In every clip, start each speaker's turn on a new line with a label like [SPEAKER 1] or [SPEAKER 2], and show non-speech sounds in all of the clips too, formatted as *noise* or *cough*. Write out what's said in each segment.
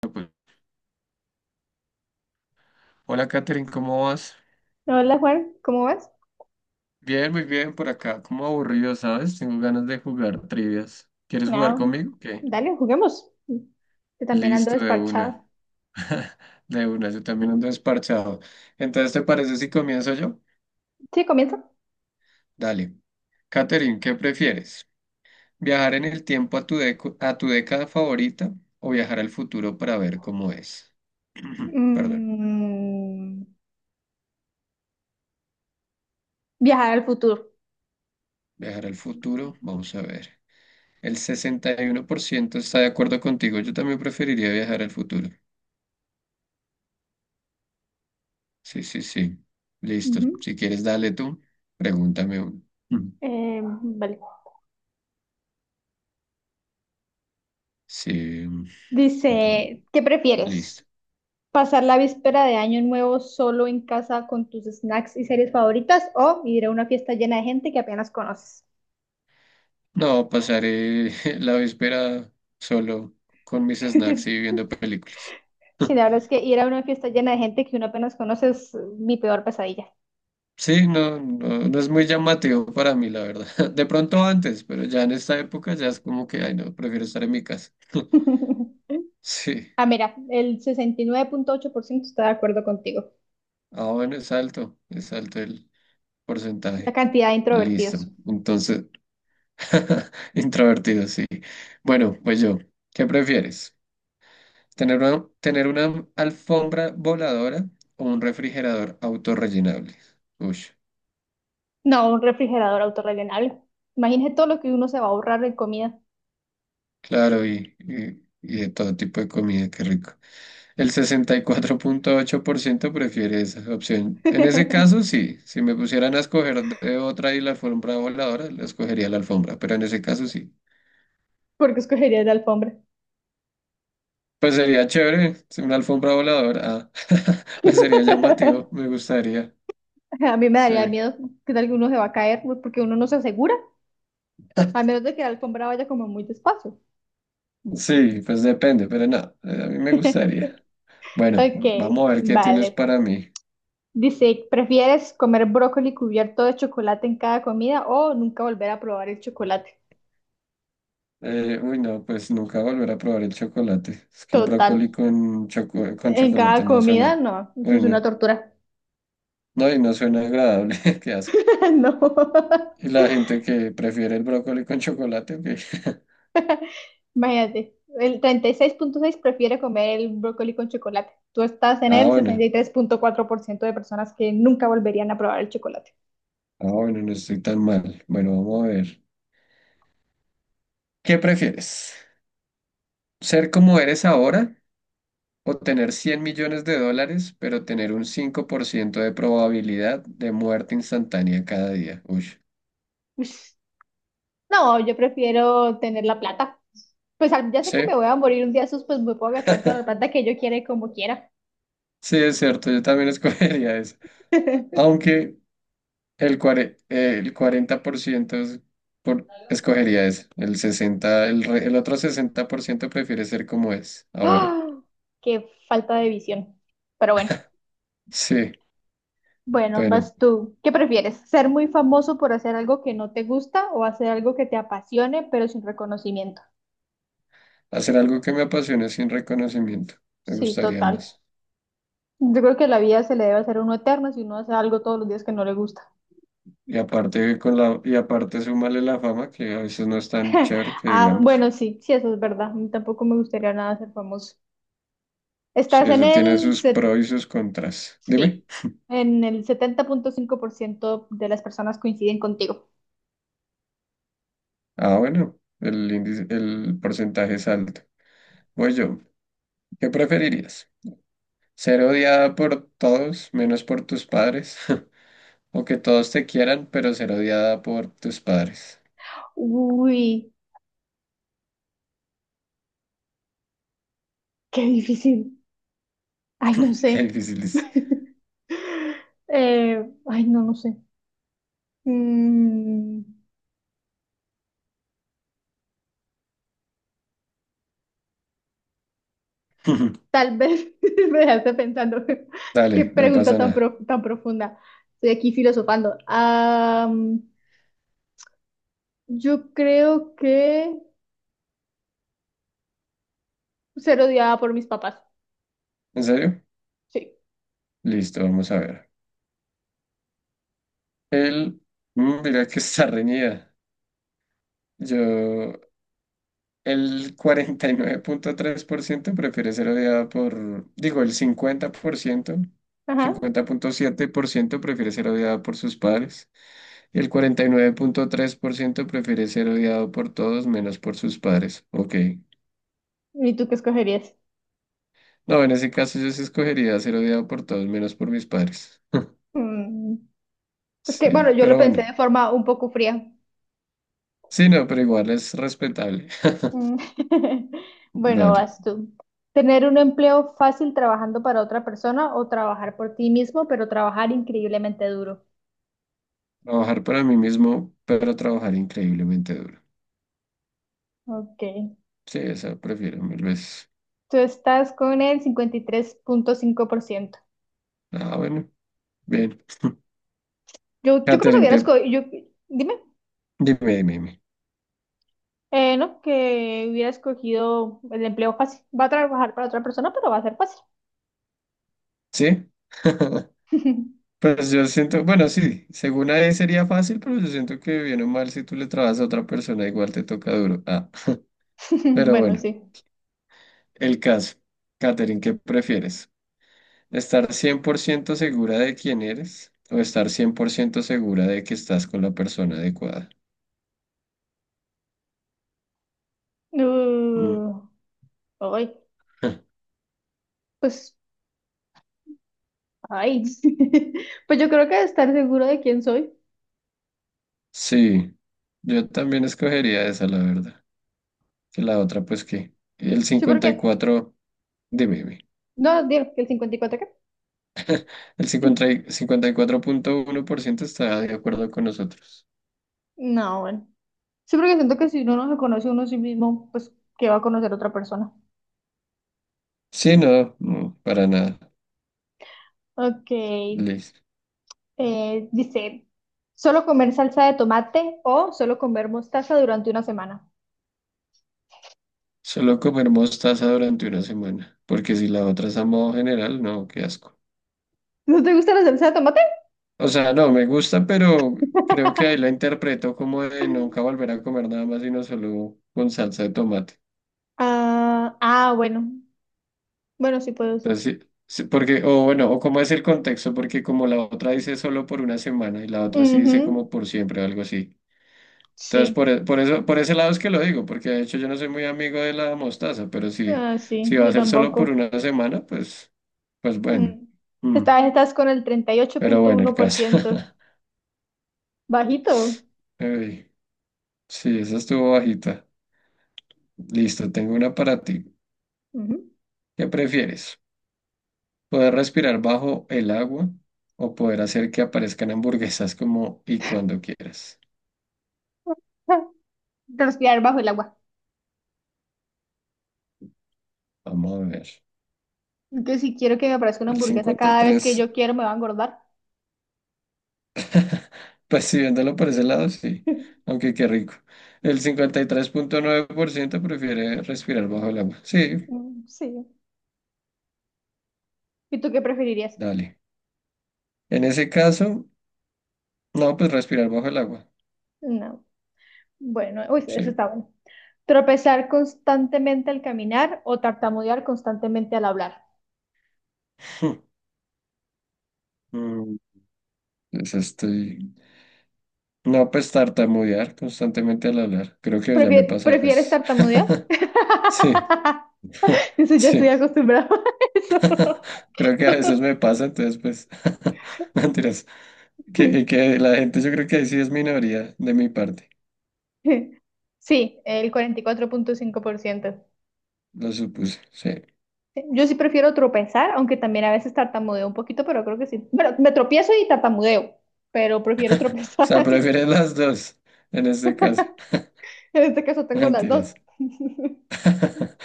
[SPEAKER 1] Pues, hola Katherine, ¿cómo vas?
[SPEAKER 2] Hola Juan, ¿cómo vas?
[SPEAKER 1] Bien, muy bien por acá, como aburrido, ¿sabes? Tengo ganas de jugar trivias. ¿Quieres jugar
[SPEAKER 2] No,
[SPEAKER 1] conmigo? ¿Qué?
[SPEAKER 2] dale, juguemos. Yo también ando
[SPEAKER 1] Listo, de una.
[SPEAKER 2] desparchada.
[SPEAKER 1] *laughs* De una, yo también ando desparchado. Entonces, ¿te parece si comienzo yo?
[SPEAKER 2] Sí, comienza.
[SPEAKER 1] Dale. Katherine, ¿qué prefieres? ¿Viajar en el tiempo a tu década favorita o viajar al futuro para ver cómo es? *clears throat* Perdón,
[SPEAKER 2] Mm, Viajar al futuro.
[SPEAKER 1] viajar al futuro, vamos a ver. El 61% está de acuerdo contigo, yo también preferiría viajar al futuro. Sí, sí, sí. Listo.
[SPEAKER 2] Ujú.
[SPEAKER 1] Si quieres, dale tú. Pregúntame uno. Mm.
[SPEAKER 2] Vale.
[SPEAKER 1] Sí.
[SPEAKER 2] Dice, ¿qué
[SPEAKER 1] Listo.
[SPEAKER 2] prefieres? ¿Pasar la víspera de Año Nuevo solo en casa con tus snacks y series favoritas o ir a una fiesta llena de gente que apenas conoces?
[SPEAKER 1] No, pasaré *laughs* la víspera solo con mis snacks y
[SPEAKER 2] *laughs*
[SPEAKER 1] viendo películas.
[SPEAKER 2] Sí, la
[SPEAKER 1] *laughs*
[SPEAKER 2] verdad es que ir a una fiesta llena de gente que uno apenas conoce es mi peor pesadilla.
[SPEAKER 1] Sí, no, no, no es muy llamativo para mí, la verdad. *laughs* De pronto antes, pero ya en esta época ya es como que, ay, no, prefiero estar en mi casa. *laughs*
[SPEAKER 2] *laughs*
[SPEAKER 1] Sí.
[SPEAKER 2] Ah, mira, el 69.8% está de acuerdo contigo.
[SPEAKER 1] Ah, bueno, es alto el
[SPEAKER 2] La
[SPEAKER 1] porcentaje.
[SPEAKER 2] cantidad de
[SPEAKER 1] Listo.
[SPEAKER 2] introvertidos.
[SPEAKER 1] Entonces, *laughs* introvertido, sí. Bueno, pues yo, ¿qué prefieres? ¿Tener una alfombra voladora o un refrigerador autorrellenable? Uy,
[SPEAKER 2] No, un refrigerador autorrellenable. Imagínese todo lo que uno se va a ahorrar en comida.
[SPEAKER 1] claro, y de todo tipo de comida, qué rico. El 64,8% prefiere esa opción. En ese caso,
[SPEAKER 2] *laughs*
[SPEAKER 1] sí, si me pusieran a escoger de otra y la alfombra voladora, la escogería la alfombra, pero en ese caso sí.
[SPEAKER 2] Porque escogería la alfombra.
[SPEAKER 1] Pues sería chévere, si una alfombra voladora, ah, *laughs* pues sería llamativo, me
[SPEAKER 2] *laughs*
[SPEAKER 1] gustaría.
[SPEAKER 2] A mí me
[SPEAKER 1] Sí.
[SPEAKER 2] daría miedo que tal que uno se va a caer porque uno no se asegura, a menos de que la alfombra vaya como muy despacio.
[SPEAKER 1] Sí, pues depende, pero no, a mí me
[SPEAKER 2] *laughs*
[SPEAKER 1] gustaría. Bueno,
[SPEAKER 2] Ok,
[SPEAKER 1] vamos a ver qué tienes
[SPEAKER 2] vale.
[SPEAKER 1] para mí.
[SPEAKER 2] Dice, ¿prefieres comer brócoli cubierto de chocolate en cada comida o nunca volver a probar el chocolate?
[SPEAKER 1] Uy, no, pues nunca volver a probar el chocolate. Es que el
[SPEAKER 2] Total.
[SPEAKER 1] brócoli con
[SPEAKER 2] En cada
[SPEAKER 1] chocolate no
[SPEAKER 2] comida,
[SPEAKER 1] suena.
[SPEAKER 2] no, eso
[SPEAKER 1] Uy,
[SPEAKER 2] es una
[SPEAKER 1] no.
[SPEAKER 2] tortura.
[SPEAKER 1] No, y no suena agradable, *laughs* qué asco.
[SPEAKER 2] *laughs* No,
[SPEAKER 1] Y la gente que prefiere el brócoli con chocolate, ok. *laughs*
[SPEAKER 2] imagínate. El 36.6 prefiere comer el brócoli con chocolate. Tú estás en
[SPEAKER 1] Ah,
[SPEAKER 2] el sesenta
[SPEAKER 1] bueno,
[SPEAKER 2] y tres punto cuatro por ciento de personas que nunca volverían a probar el chocolate.
[SPEAKER 1] ah, bueno, no estoy tan mal. Bueno, vamos a ver. ¿Qué prefieres? ¿Ser como eres ahora? ¿O tener 100 millones de dólares, pero tener un 5% de probabilidad de muerte instantánea cada día? Uy,
[SPEAKER 2] Ush. No, yo prefiero tener la plata. Pues ya sé
[SPEAKER 1] sí,
[SPEAKER 2] que me voy a morir un día, sus, pues me puedo gastar toda la plata que yo quiera y como quiera.
[SPEAKER 1] sí, es cierto, yo también *laughs* escogería eso.
[SPEAKER 2] *laughs*
[SPEAKER 1] Aunque el 40% escogería eso. El otro 60% prefiere ser como es ahora.
[SPEAKER 2] ¡Ah! Qué falta de visión. Pero bueno.
[SPEAKER 1] Sí,
[SPEAKER 2] Bueno,
[SPEAKER 1] bueno,
[SPEAKER 2] vas tú. ¿Qué prefieres? ¿Ser muy famoso por hacer algo que no te gusta o hacer algo que te apasione pero sin reconocimiento?
[SPEAKER 1] hacer algo que me apasione sin reconocimiento. Me
[SPEAKER 2] Sí,
[SPEAKER 1] gustaría
[SPEAKER 2] total.
[SPEAKER 1] más.
[SPEAKER 2] Yo creo que la vida se le debe hacer a uno eterno si uno hace algo todos los días que no le gusta.
[SPEAKER 1] Y aparte súmale la fama, que a veces no es tan
[SPEAKER 2] *laughs*
[SPEAKER 1] chévere que
[SPEAKER 2] Ah,
[SPEAKER 1] digamos.
[SPEAKER 2] bueno, sí, sí, eso es verdad. A mí tampoco me gustaría nada ser famoso.
[SPEAKER 1] Sí,
[SPEAKER 2] Estás en
[SPEAKER 1] eso tiene
[SPEAKER 2] el,
[SPEAKER 1] sus
[SPEAKER 2] se-
[SPEAKER 1] pros y sus contras. Dime.
[SPEAKER 2] Sí, en el 70.5% de las personas coinciden contigo.
[SPEAKER 1] Ah, bueno, el porcentaje es alto. Voy yo. ¿Qué preferirías? ¿Ser odiada por todos menos por tus padres? *laughs* ¿O que todos te quieran, pero ser odiada por tus padres?
[SPEAKER 2] Uy, qué difícil. Ay, no
[SPEAKER 1] *laughs* Qué
[SPEAKER 2] sé.
[SPEAKER 1] difícil es.
[SPEAKER 2] *laughs* Ay, no, no sé. Mm,
[SPEAKER 1] *laughs*
[SPEAKER 2] Tal vez *laughs* me dejaste pensando. *laughs* Qué
[SPEAKER 1] Dale, no
[SPEAKER 2] pregunta
[SPEAKER 1] pasa
[SPEAKER 2] tan,
[SPEAKER 1] nada.
[SPEAKER 2] tan profunda. Estoy aquí filosofando. Yo creo que ser odiada por mis papás.
[SPEAKER 1] ¿En serio?
[SPEAKER 2] Sí.
[SPEAKER 1] Listo, vamos a ver. Él, mira que está reñida. Yo El cuarenta y nueve punto tres por ciento prefiere ser odiado por, digo, el cincuenta cincuenta por ciento,
[SPEAKER 2] Ajá.
[SPEAKER 1] 50,7% prefiere ser odiado por sus padres y el 49,3% prefiere ser odiado por todos menos por sus padres. Ok.
[SPEAKER 2] ¿Y tú qué escogerías?
[SPEAKER 1] No, en ese caso yo sí escogería ser odiado por todos menos por mis padres. *laughs*
[SPEAKER 2] Mm, es que, bueno,
[SPEAKER 1] Sí,
[SPEAKER 2] yo lo
[SPEAKER 1] pero
[SPEAKER 2] pensé
[SPEAKER 1] bueno.
[SPEAKER 2] de forma un poco fría.
[SPEAKER 1] Sí, no, pero igual es respetable. *laughs*
[SPEAKER 2] Mm. *laughs* Bueno,
[SPEAKER 1] Dale.
[SPEAKER 2] vas tú. ¿Tener un empleo fácil trabajando para otra persona o trabajar por ti mismo, pero trabajar increíblemente duro?
[SPEAKER 1] Trabajar para mí mismo, pero trabajar increíblemente duro.
[SPEAKER 2] Ok.
[SPEAKER 1] Sí, esa prefiero mil veces.
[SPEAKER 2] Tú estás con el 53.5%.
[SPEAKER 1] Ah, bueno. Bien,
[SPEAKER 2] Yo creo que
[SPEAKER 1] Catherine,
[SPEAKER 2] hubiera
[SPEAKER 1] que
[SPEAKER 2] escogido, dime,
[SPEAKER 1] dime, dime, dime.
[SPEAKER 2] no, que hubiera escogido el empleo fácil. Va a trabajar para otra persona, pero va a ser fácil.
[SPEAKER 1] ¿Sí? *laughs*
[SPEAKER 2] *laughs*
[SPEAKER 1] Pues yo siento, bueno, sí, según a él sería fácil, pero yo siento que bien o mal, si tú le trabajas a otra persona, igual te toca duro. Ah, pero
[SPEAKER 2] Bueno,
[SPEAKER 1] bueno,
[SPEAKER 2] sí.
[SPEAKER 1] el caso. Catherine, ¿qué prefieres? ¿Estar 100% segura de quién eres o estar 100% segura de que estás con la persona adecuada? Mm.
[SPEAKER 2] Uh, Ay,
[SPEAKER 1] *laughs*
[SPEAKER 2] pues, ay. *laughs* Pues yo creo que estar seguro de quién soy.
[SPEAKER 1] Sí, yo también escogería esa, la verdad. Que la otra, pues que el
[SPEAKER 2] Sí,
[SPEAKER 1] cincuenta y
[SPEAKER 2] porque,
[SPEAKER 1] cuatro, dime, dime.
[SPEAKER 2] no, digo, que el 54, ¿qué?
[SPEAKER 1] El cincuenta y cuatro punto uno por ciento está de acuerdo con nosotros.
[SPEAKER 2] No, bueno. Sí, porque siento que si uno no se conoce uno a sí mismo, pues, ¿qué va a conocer otra persona?
[SPEAKER 1] Sí, no, no, para nada.
[SPEAKER 2] Ok.
[SPEAKER 1] Listo.
[SPEAKER 2] Dice, ¿solo comer salsa de tomate o solo comer mostaza durante una semana?
[SPEAKER 1] Solo comer mostaza durante una semana, porque si la otra es a modo general, no, qué asco.
[SPEAKER 2] ¿No te gusta la salsa de tomate?
[SPEAKER 1] O sea, no, me gusta, pero creo que ahí la
[SPEAKER 2] *laughs*
[SPEAKER 1] interpreto como de nunca volver a comer nada más sino solo con salsa de tomate.
[SPEAKER 2] Ah, ah, bueno. Bueno, sí puede ser.
[SPEAKER 1] Entonces, sí, sí, porque, o bueno, o cómo es el contexto, porque como la otra dice solo por una semana y la otra sí dice como
[SPEAKER 2] Ujú,
[SPEAKER 1] por siempre o algo así. Entonces,
[SPEAKER 2] sí,
[SPEAKER 1] por eso, por ese lado es que lo digo, porque de hecho yo no soy muy amigo de la mostaza, pero si,
[SPEAKER 2] ah, sí,
[SPEAKER 1] si va a
[SPEAKER 2] yo
[SPEAKER 1] ser solo por
[SPEAKER 2] tampoco.
[SPEAKER 1] una semana, pues bueno.
[SPEAKER 2] Mm.
[SPEAKER 1] Mm,
[SPEAKER 2] Esta vez estás con el
[SPEAKER 1] Pero bueno, el caso.
[SPEAKER 2] 38.1%.
[SPEAKER 1] *laughs*
[SPEAKER 2] Bajito.
[SPEAKER 1] Ey, sí, esa estuvo bajita. Listo, tengo una para ti.
[SPEAKER 2] Ujú.
[SPEAKER 1] ¿Qué prefieres? ¿Poder respirar bajo el agua o poder hacer que aparezcan hamburguesas como y cuando quieras?
[SPEAKER 2] *laughs* Te los tirar bajo el agua.
[SPEAKER 1] Vamos a ver.
[SPEAKER 2] Que si quiero que me aparezca una
[SPEAKER 1] El
[SPEAKER 2] hamburguesa
[SPEAKER 1] cincuenta y
[SPEAKER 2] cada vez que
[SPEAKER 1] tres
[SPEAKER 2] yo quiero, me va a engordar.
[SPEAKER 1] Pues sí, viéndolo por ese lado, sí.
[SPEAKER 2] *laughs*
[SPEAKER 1] Aunque qué rico. El 53,9% prefiere respirar bajo el agua. Sí,
[SPEAKER 2] Mm, sí. ¿Y tú qué preferirías?
[SPEAKER 1] dale. En ese caso, no, pues respirar bajo el agua.
[SPEAKER 2] No. Bueno, uy, eso
[SPEAKER 1] Sí.
[SPEAKER 2] está bueno. Tropezar constantemente al caminar o tartamudear constantemente al hablar.
[SPEAKER 1] *laughs* Mm, Pues estoy. No, pues tartamudear constantemente al hablar. Creo que ya me pasa a
[SPEAKER 2] ¿Prefieres
[SPEAKER 1] veces.
[SPEAKER 2] tartamudear?
[SPEAKER 1] *laughs* Sí, *laughs*
[SPEAKER 2] *laughs* Eso ya estoy
[SPEAKER 1] sí.
[SPEAKER 2] acostumbrado *laughs* a eso.
[SPEAKER 1] *laughs* Creo que a veces me pasa, entonces, pues. *laughs* Mentiras. Que la gente, yo creo que ahí sí es minoría de mi parte.
[SPEAKER 2] Sí, el 44.5%.
[SPEAKER 1] Lo supuse, sí.
[SPEAKER 2] Yo sí prefiero tropezar, aunque también a veces tartamudeo un poquito, pero creo que sí. Bueno, me tropiezo y tartamudeo, pero prefiero
[SPEAKER 1] O
[SPEAKER 2] tropezar.
[SPEAKER 1] sea,
[SPEAKER 2] *laughs*
[SPEAKER 1] prefieres las dos en este caso.
[SPEAKER 2] En este caso tengo las dos.
[SPEAKER 1] Mentiras.
[SPEAKER 2] *laughs*
[SPEAKER 1] *laughs*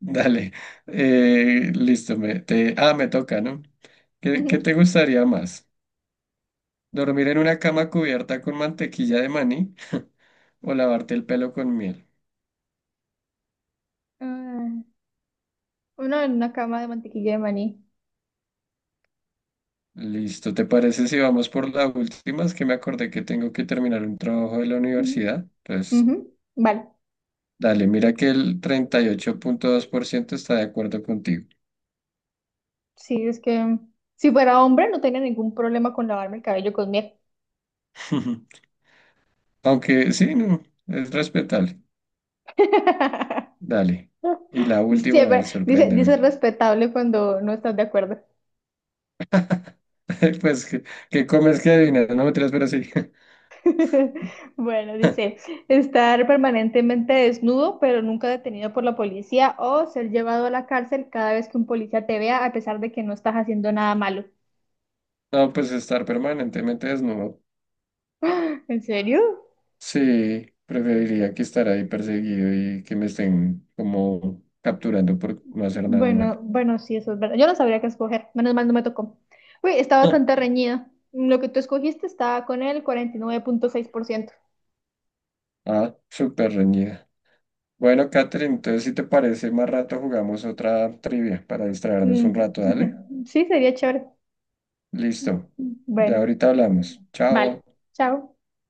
[SPEAKER 1] Dale. Listo. Me toca, ¿no? ¿Qué
[SPEAKER 2] Ujú.
[SPEAKER 1] te gustaría más? ¿Dormir en una cama cubierta con mantequilla de maní o lavarte el pelo con miel?
[SPEAKER 2] Ah, uno en una cama de mantequilla de maní.
[SPEAKER 1] Listo. ¿Te parece si vamos por la última? Es que me acordé que tengo que terminar un trabajo de la
[SPEAKER 2] Ujú,
[SPEAKER 1] universidad. Entonces,
[SPEAKER 2] ujú, vale,
[SPEAKER 1] dale, mira que el 38,2% está de acuerdo contigo.
[SPEAKER 2] sí, es que si fuera hombre no tenía ningún problema con lavarme el cabello con miel.
[SPEAKER 1] *laughs* Aunque sí, no, es respetable.
[SPEAKER 2] *laughs*
[SPEAKER 1] Dale. Y la
[SPEAKER 2] Dice,
[SPEAKER 1] última, a ver,
[SPEAKER 2] dice
[SPEAKER 1] sorpréndeme.
[SPEAKER 2] respetable cuando no estás de acuerdo.
[SPEAKER 1] *laughs* Pues, ¿qué comes que adivinas? No me tiras, pero sí.
[SPEAKER 2] *laughs* Bueno, dice,
[SPEAKER 1] *laughs*
[SPEAKER 2] estar permanentemente desnudo, pero nunca detenido por la policía, o ser llevado a la cárcel cada vez que un policía te vea, a pesar de que no estás haciendo nada malo.
[SPEAKER 1] No, pues estar permanentemente desnudo.
[SPEAKER 2] ¿En serio?
[SPEAKER 1] Sí, preferiría que estar ahí perseguido y que me estén como capturando por no hacer nada
[SPEAKER 2] Bueno,
[SPEAKER 1] malo.
[SPEAKER 2] bueno, sí, eso es verdad. Yo no sabría qué escoger. Menos mal no me tocó. Uy, está bastante
[SPEAKER 1] *laughs*
[SPEAKER 2] reñida. Lo que tú escogiste está con el 49.6%.
[SPEAKER 1] Ah, súper reñida. Bueno, Catherine, entonces si te parece, más rato jugamos otra trivia para distraernos
[SPEAKER 2] Mm,
[SPEAKER 1] un rato,
[SPEAKER 2] *laughs*
[SPEAKER 1] dale.
[SPEAKER 2] ujú. Sí, sería chévere.
[SPEAKER 1] Listo. Ya
[SPEAKER 2] Bueno,
[SPEAKER 1] ahorita hablamos. Chao.
[SPEAKER 2] vale. Chao.